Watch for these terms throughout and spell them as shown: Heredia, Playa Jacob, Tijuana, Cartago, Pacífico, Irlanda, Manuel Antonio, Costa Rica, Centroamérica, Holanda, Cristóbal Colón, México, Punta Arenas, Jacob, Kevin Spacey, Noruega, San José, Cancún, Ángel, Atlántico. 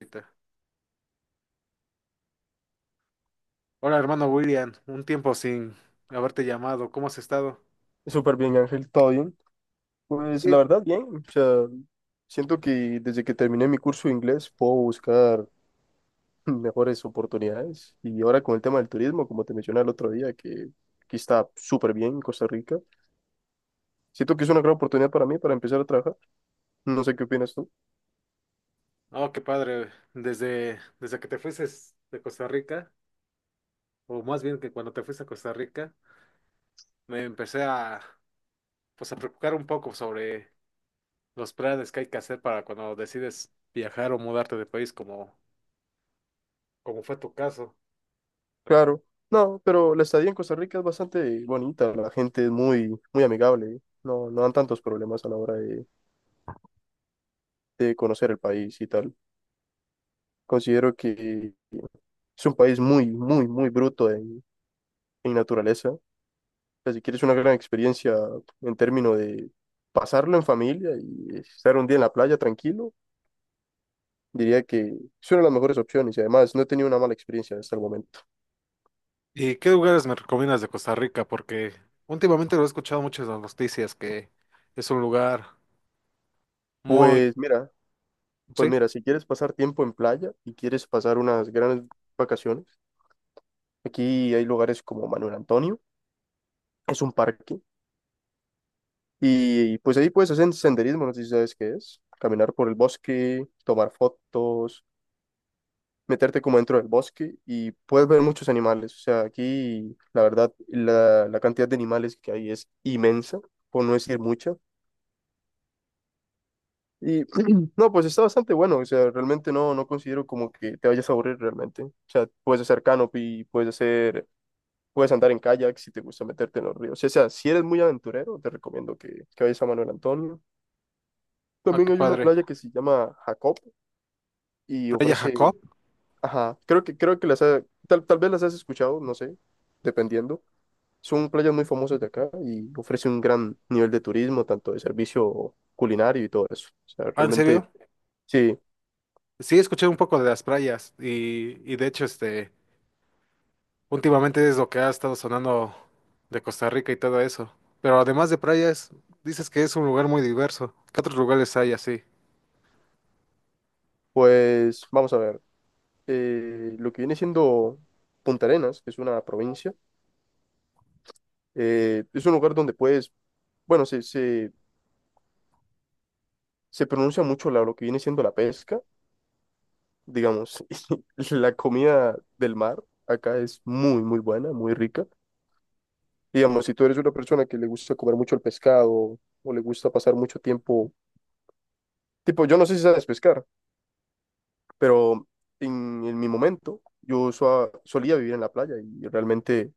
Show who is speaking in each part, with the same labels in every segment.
Speaker 1: Ahorita. Hola, hermano William, un tiempo sin haberte llamado, ¿cómo has estado?
Speaker 2: Súper bien, Ángel, todo bien. Pues la
Speaker 1: Sí.
Speaker 2: verdad, bien. O sea, siento que desde que terminé mi curso de inglés puedo buscar mejores oportunidades. Y ahora con el tema del turismo, como te mencioné el otro día, que aquí está súper bien en Costa Rica. Siento que es una gran oportunidad para mí para empezar a trabajar. No sé qué opinas tú.
Speaker 1: Oh, qué padre, desde que te fuiste de Costa Rica, o más bien que cuando te fuiste a Costa Rica, me empecé, pues, a preocupar un poco sobre los planes que hay que hacer para cuando decides viajar o mudarte de país, como fue tu caso.
Speaker 2: Claro. No, pero la estadía en Costa Rica es bastante bonita. La gente es muy, muy amigable. No dan tantos problemas a la hora de conocer el país y tal. Considero que. Es un país muy, muy, muy bruto en naturaleza. O sea, si quieres una gran experiencia en términos de pasarlo en familia y estar un día en la playa tranquilo, diría que es una de las mejores opciones y además no he tenido una mala experiencia hasta el momento.
Speaker 1: ¿Y qué lugares me recomiendas de Costa Rica? Porque últimamente lo he escuchado mucho en las noticias que es un lugar muy,
Speaker 2: Pues mira, pues
Speaker 1: sí,
Speaker 2: mira, si quieres pasar tiempo en playa y quieres pasar unas grandes vacaciones, aquí hay lugares como Manuel Antonio, es un parque y pues ahí puedes hacer senderismo, no sé si sabes qué es, caminar por el bosque, tomar fotos, meterte como dentro del bosque y puedes ver muchos animales. O sea, aquí la verdad la cantidad de animales que hay es inmensa, por no decir mucha. Y no, pues está bastante bueno. O sea, realmente no considero como que te vayas a aburrir realmente. O sea, puedes hacer canopy, puedes andar en kayak si te gusta meterte en los ríos. O sea, si eres muy aventurero, te recomiendo que vayas a Manuel Antonio.
Speaker 1: ah,
Speaker 2: También
Speaker 1: qué
Speaker 2: hay una
Speaker 1: padre.
Speaker 2: playa que se llama Jacob y
Speaker 1: Playa
Speaker 2: ofrece,
Speaker 1: Jacob.
Speaker 2: ajá, creo que tal vez las has escuchado, no sé, dependiendo. Es un player muy famoso de acá y ofrece un gran nivel de turismo, tanto de servicio culinario y todo eso. O sea,
Speaker 1: Ah, ¿en
Speaker 2: realmente,
Speaker 1: serio?
Speaker 2: sí,
Speaker 1: Sí, escuché un poco de las playas y de hecho, últimamente es lo que ha estado sonando de Costa Rica y todo eso. Pero además de playas, dices que es un lugar muy diverso. ¿Qué otros lugares hay así?
Speaker 2: pues vamos a ver. Lo que viene siendo Punta Arenas, que es una provincia, es un lugar donde bueno, se pronuncia mucho lo que viene siendo la pesca, digamos, la comida del mar acá es muy, muy buena, muy rica. Digamos, si tú eres una persona que le gusta comer mucho el pescado o le gusta pasar mucho tiempo, tipo, yo no sé si sabes pescar. Pero en mi momento yo solía vivir en la playa y realmente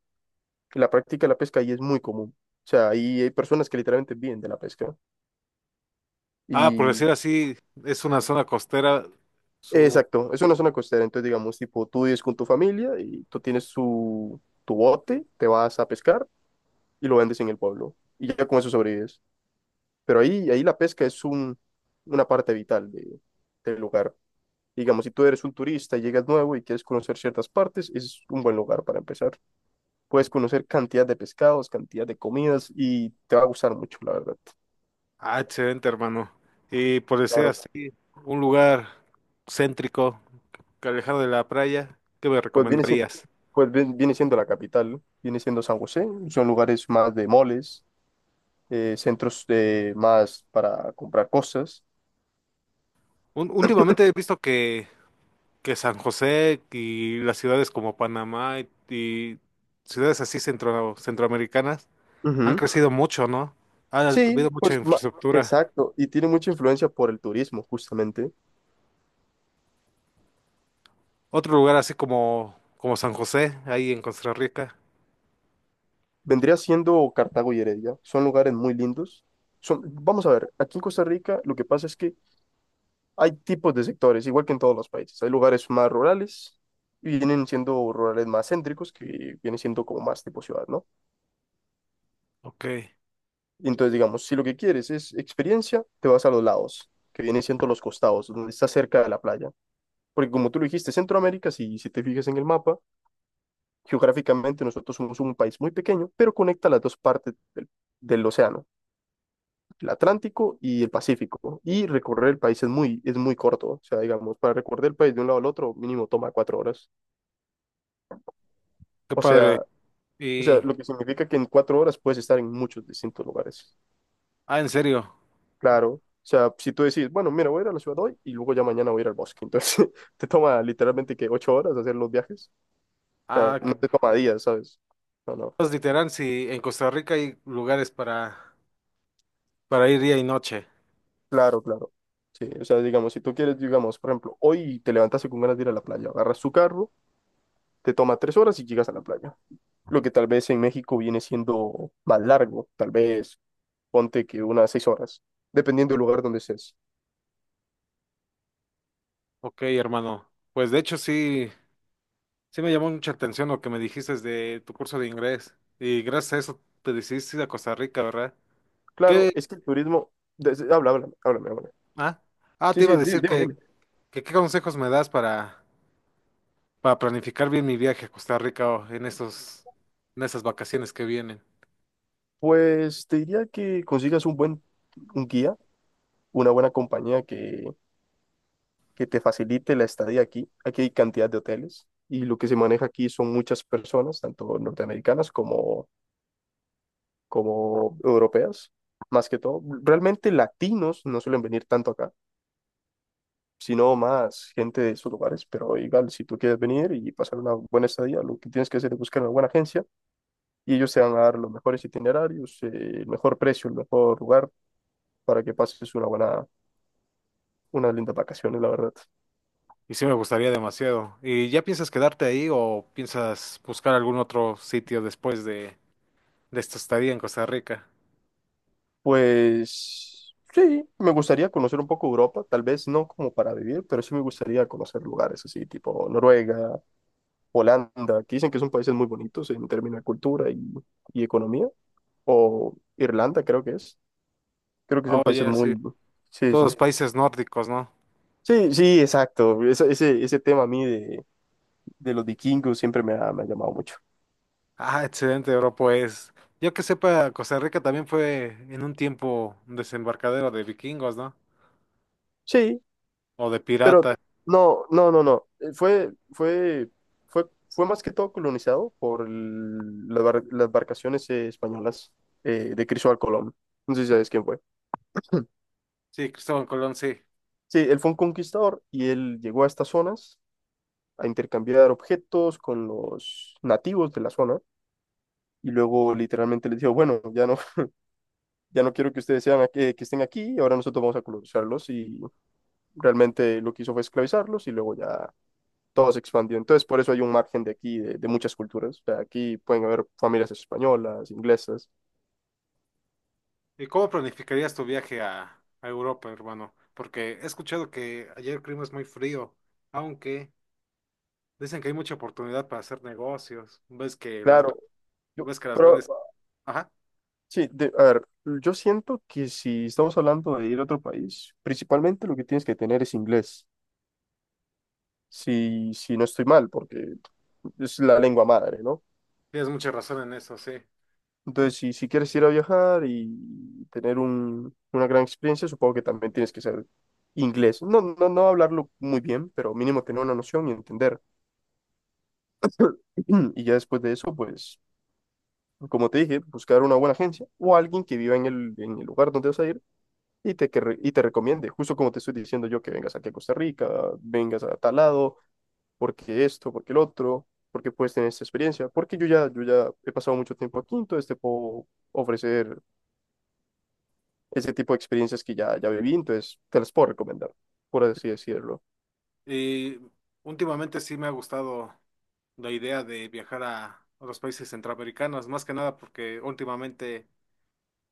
Speaker 2: la práctica de la pesca ahí es muy común. O sea, ahí hay personas que literalmente viven de la pesca.
Speaker 1: Ah, por
Speaker 2: Y
Speaker 1: decir así, es una zona costera. Su...
Speaker 2: exacto, es una zona costera, entonces digamos, tipo, tú vives con tu familia y tú tienes tu bote, te vas a pescar y lo vendes en el pueblo y ya con eso sobrevives. Pero ahí la pesca es una parte vital del lugar. Digamos, si tú eres un turista y llegas nuevo y quieres conocer ciertas partes, es un buen lugar para empezar. Puedes conocer cantidad de pescados, cantidad de comidas y te va a gustar mucho, la verdad.
Speaker 1: Ah, excelente, hermano. Y por decir
Speaker 2: Claro,
Speaker 1: así, un lugar céntrico, que alejado de la playa, ¿qué me
Speaker 2: pues viene siendo,
Speaker 1: recomendarías?
Speaker 2: pues viene siendo la capital, ¿no? Viene siendo San José, son lugares más de moles, centros de más para comprar cosas.
Speaker 1: Últimamente he visto que San José y las ciudades como Panamá y ciudades así centro, centroamericanas han
Speaker 2: Ujú.
Speaker 1: crecido mucho, ¿no? Ha
Speaker 2: Sí,
Speaker 1: habido mucha infraestructura.
Speaker 2: exacto, y tiene mucha influencia por el turismo, justamente.
Speaker 1: Otro lugar así como, como San José, ahí en Costa Rica.
Speaker 2: Vendría siendo Cartago y Heredia, son lugares muy lindos. Vamos a ver, aquí en Costa Rica lo que pasa es que hay tipos de sectores, igual que en todos los países. Hay lugares más rurales y vienen siendo rurales más céntricos, que vienen siendo como más tipo ciudad, ¿no?
Speaker 1: Ok,
Speaker 2: Y entonces, digamos, si lo que quieres es experiencia, te vas a los lados, que vienen siendo los costados, donde está cerca de la playa. Porque como tú lo dijiste, Centroamérica, si te fijas en el mapa, geográficamente nosotros somos un país muy pequeño, pero conecta las dos partes del océano, el Atlántico y el Pacífico. Y recorrer el país es muy corto. O sea, digamos, para recorrer el país de un lado al otro, mínimo toma 4 horas.
Speaker 1: qué
Speaker 2: O
Speaker 1: padre.
Speaker 2: sea, o sea,
Speaker 1: Y,
Speaker 2: lo que significa que en 4 horas puedes estar en muchos distintos lugares.
Speaker 1: ah, en serio.
Speaker 2: Claro. O sea, si tú decís, bueno, mira, voy a ir a la ciudad hoy y luego ya mañana voy a ir al bosque. Entonces, te toma literalmente que 8 horas hacer los viajes. O sea,
Speaker 1: Ah,
Speaker 2: no
Speaker 1: que
Speaker 2: te toma días, ¿sabes? No, no.
Speaker 1: pues, literal, si en Costa Rica hay lugares para ir día y noche.
Speaker 2: Claro, claro. Sí, o sea, digamos, si tú quieres, digamos, por ejemplo, hoy te levantaste con ganas de ir a la playa, agarras tu carro, te toma 3 horas y llegas a la playa. Lo que tal vez en México viene siendo más largo, tal vez ponte que unas 6 horas, dependiendo del lugar donde estés.
Speaker 1: Ok, hermano. Pues de hecho sí. Sí me llamó mucha atención lo que me dijiste de tu curso de inglés. Y gracias a eso te decidiste ir a Costa Rica, ¿verdad?
Speaker 2: Claro,
Speaker 1: ¿Qué?
Speaker 2: es que el turismo. Habla, háblame.
Speaker 1: Ah, ah,
Speaker 2: Sí,
Speaker 1: te iba a
Speaker 2: sí, dime,
Speaker 1: decir
Speaker 2: dime, dime.
Speaker 1: que qué consejos me das para planificar bien mi viaje a Costa Rica o en en esas vacaciones que vienen.
Speaker 2: Pues te diría que consigas un guía, una buena compañía que te facilite la estadía aquí. Aquí hay cantidad de hoteles y lo que se maneja aquí son muchas personas, tanto norteamericanas como europeas, más que todo. Realmente latinos no suelen venir tanto acá, sino más gente de sus lugares, pero igual, si tú quieres venir y pasar una buena estadía, lo que tienes que hacer es buscar una buena agencia y ellos te van a dar los mejores itinerarios, el mejor precio, el mejor lugar para que pases unas lindas vacaciones, la verdad.
Speaker 1: Y sí me gustaría demasiado. ¿Y ya piensas quedarte ahí o piensas buscar algún otro sitio después de esta estadía en Costa Rica?
Speaker 2: Pues sí, me gustaría conocer un poco Europa, tal vez no como para vivir, pero sí me gustaría conocer lugares así, tipo Noruega, Holanda, que dicen que son países muy bonitos en términos de cultura y economía, o Irlanda, creo que es. Creo que son países
Speaker 1: Oye, sí.
Speaker 2: muy. Sí,
Speaker 1: Todos los
Speaker 2: sí.
Speaker 1: países nórdicos, ¿no?
Speaker 2: Sí, sí, exacto. Ese tema a mí de los vikingos siempre me ha llamado mucho.
Speaker 1: Ah, excelente, bro. Pues yo que sepa, Costa Rica también fue en un tiempo un desembarcadero de vikingos, ¿no?
Speaker 2: Sí,
Speaker 1: O de
Speaker 2: Pero
Speaker 1: piratas.
Speaker 2: no, no, no, no. Fue más que todo colonizado por las embarcaciones españolas de Cristóbal Colón. No sé si sabes quién fue.
Speaker 1: Sí, Cristóbal Colón, sí.
Speaker 2: Sí, él fue un conquistador y él llegó a estas zonas a intercambiar objetos con los nativos de la zona y luego literalmente les dijo, bueno, ya no, ya no quiero que ustedes que estén aquí, ahora nosotros vamos a colonizarlos y realmente lo que hizo fue esclavizarlos y luego ya todo se expandió. Entonces, por eso hay un margen de aquí, de muchas culturas. O sea, aquí pueden haber familias españolas, inglesas.
Speaker 1: ¿Y cómo planificarías tu viaje a Europa, hermano? Porque he escuchado que allá el clima es muy frío, aunque dicen que hay mucha oportunidad para hacer negocios. Ves que las,
Speaker 2: Claro,
Speaker 1: ves que las
Speaker 2: pero
Speaker 1: grandes... Ajá,
Speaker 2: sí, a ver, yo siento que si estamos hablando de ir a otro país, principalmente lo que tienes que tener es inglés. Si no estoy mal, porque es la lengua madre, ¿no?
Speaker 1: tienes mucha razón en eso, sí.
Speaker 2: Entonces, si quieres ir a viajar y tener una gran experiencia, supongo que también tienes que saber inglés. No, no, no hablarlo muy bien, pero mínimo tener una noción y entender. Y ya después de eso, pues como te dije, buscar una buena agencia o alguien que viva en el lugar donde vas a ir y te recomiende, justo como te estoy diciendo yo, que vengas aquí a Costa Rica, vengas a tal lado, porque esto, porque el otro, porque puedes tener esta experiencia, porque yo ya he pasado mucho tiempo aquí, entonces te puedo ofrecer ese tipo de experiencias que ya viví, entonces te las puedo recomendar, por así decirlo.
Speaker 1: Y últimamente sí me ha gustado la idea de viajar a otros países centroamericanos, más que nada porque últimamente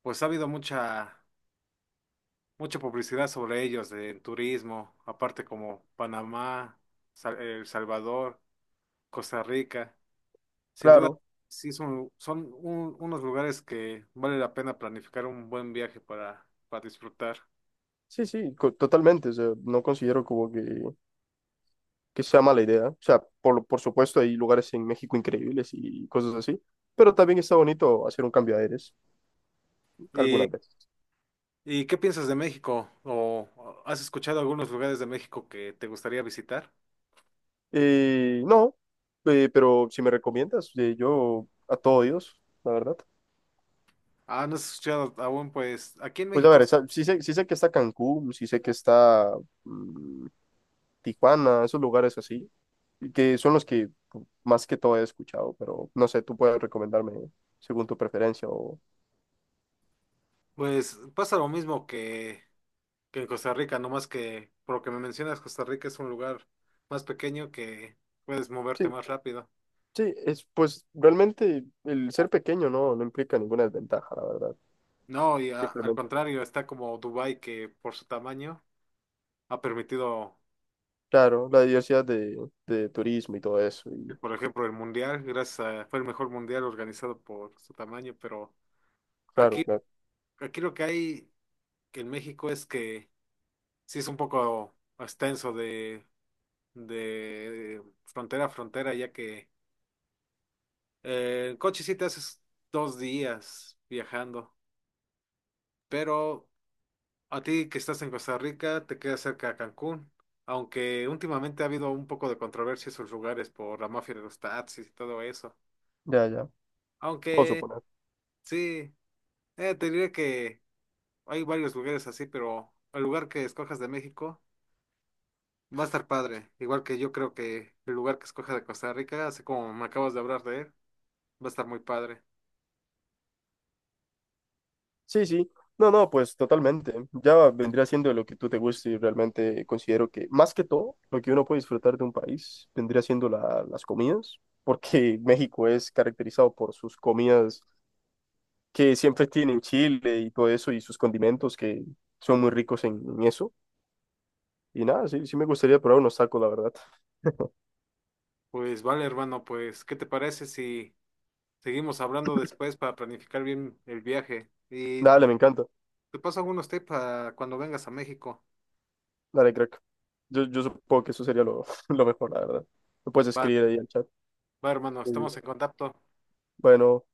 Speaker 1: pues ha habido mucha publicidad sobre ellos de turismo, aparte como Panamá, El Salvador, Costa Rica. Sin duda
Speaker 2: Claro,
Speaker 1: sí son, unos lugares que vale la pena planificar un buen viaje para disfrutar.
Speaker 2: sí, sí, totalmente, o sea, no considero como que sea mala idea. O sea, por supuesto hay lugares en México increíbles y cosas así, pero también está bonito hacer un cambio de aires
Speaker 1: ¿Y,
Speaker 2: algunas veces.
Speaker 1: y qué piensas de México? ¿O has escuchado algunos lugares de México que te gustaría visitar?
Speaker 2: No, pero si me recomiendas, yo a todo Dios, la verdad.
Speaker 1: Ah, no has escuchado aún, pues aquí en
Speaker 2: Pues a
Speaker 1: México,
Speaker 2: ver, sí sé que está Cancún, sí sé que está mm, Tijuana, esos lugares así, y que son los que más que todo he escuchado, pero no sé, tú puedes recomendarme según tu preferencia o.
Speaker 1: pues pasa lo mismo que en Costa Rica, nomás que por lo que me mencionas, Costa Rica es un lugar más pequeño que puedes moverte
Speaker 2: Sí,
Speaker 1: más rápido.
Speaker 2: sí, es pues realmente el ser pequeño no implica ninguna desventaja, la verdad.
Speaker 1: No, y al
Speaker 2: Simplemente,
Speaker 1: contrario, está como Dubái, que por su tamaño ha permitido,
Speaker 2: claro, la diversidad de turismo y todo eso. Y,
Speaker 1: por ejemplo, el mundial, gracias a, fue el mejor mundial organizado por su tamaño, pero
Speaker 2: claro,
Speaker 1: aquí,
Speaker 2: claro.
Speaker 1: aquí lo que hay que en México es que sí es un poco extenso de frontera a frontera, ya que eh, en coche sí te haces dos días viajando, pero a ti que estás en Costa Rica te queda cerca a Cancún, aunque últimamente ha habido un poco de controversia en sus lugares por la mafia de los taxis y todo eso.
Speaker 2: Ya, ya. Puedo
Speaker 1: Aunque
Speaker 2: suponer.
Speaker 1: sí, te diré que hay varios lugares así, pero el lugar que escojas de México va a estar padre, igual que yo creo que el lugar que escojas de Costa Rica, así como me acabas de hablar de él, va a estar muy padre.
Speaker 2: Sí, sí. No, no, pues totalmente. Ya vendría siendo lo que tú te guste y realmente considero que, más que todo, lo que uno puede disfrutar de un país vendría siendo las comidas, porque México es caracterizado por sus comidas que siempre tienen chile y todo eso y sus condimentos que son muy ricos en eso. Y nada, sí, sí me gustaría probar unos tacos, la verdad.
Speaker 1: Pues vale, hermano, pues, ¿qué te parece si... seguimos hablando después para planificar bien el viaje. Y
Speaker 2: Dale, me encanta.
Speaker 1: te paso algunos tips para cuando vengas a México.
Speaker 2: Dale, crack. Yo supongo que eso sería lo, lo mejor, la verdad. Lo puedes
Speaker 1: Va,
Speaker 2: escribir ahí en el chat.
Speaker 1: va, hermano,
Speaker 2: Muy bien.
Speaker 1: estamos en contacto.
Speaker 2: Bueno.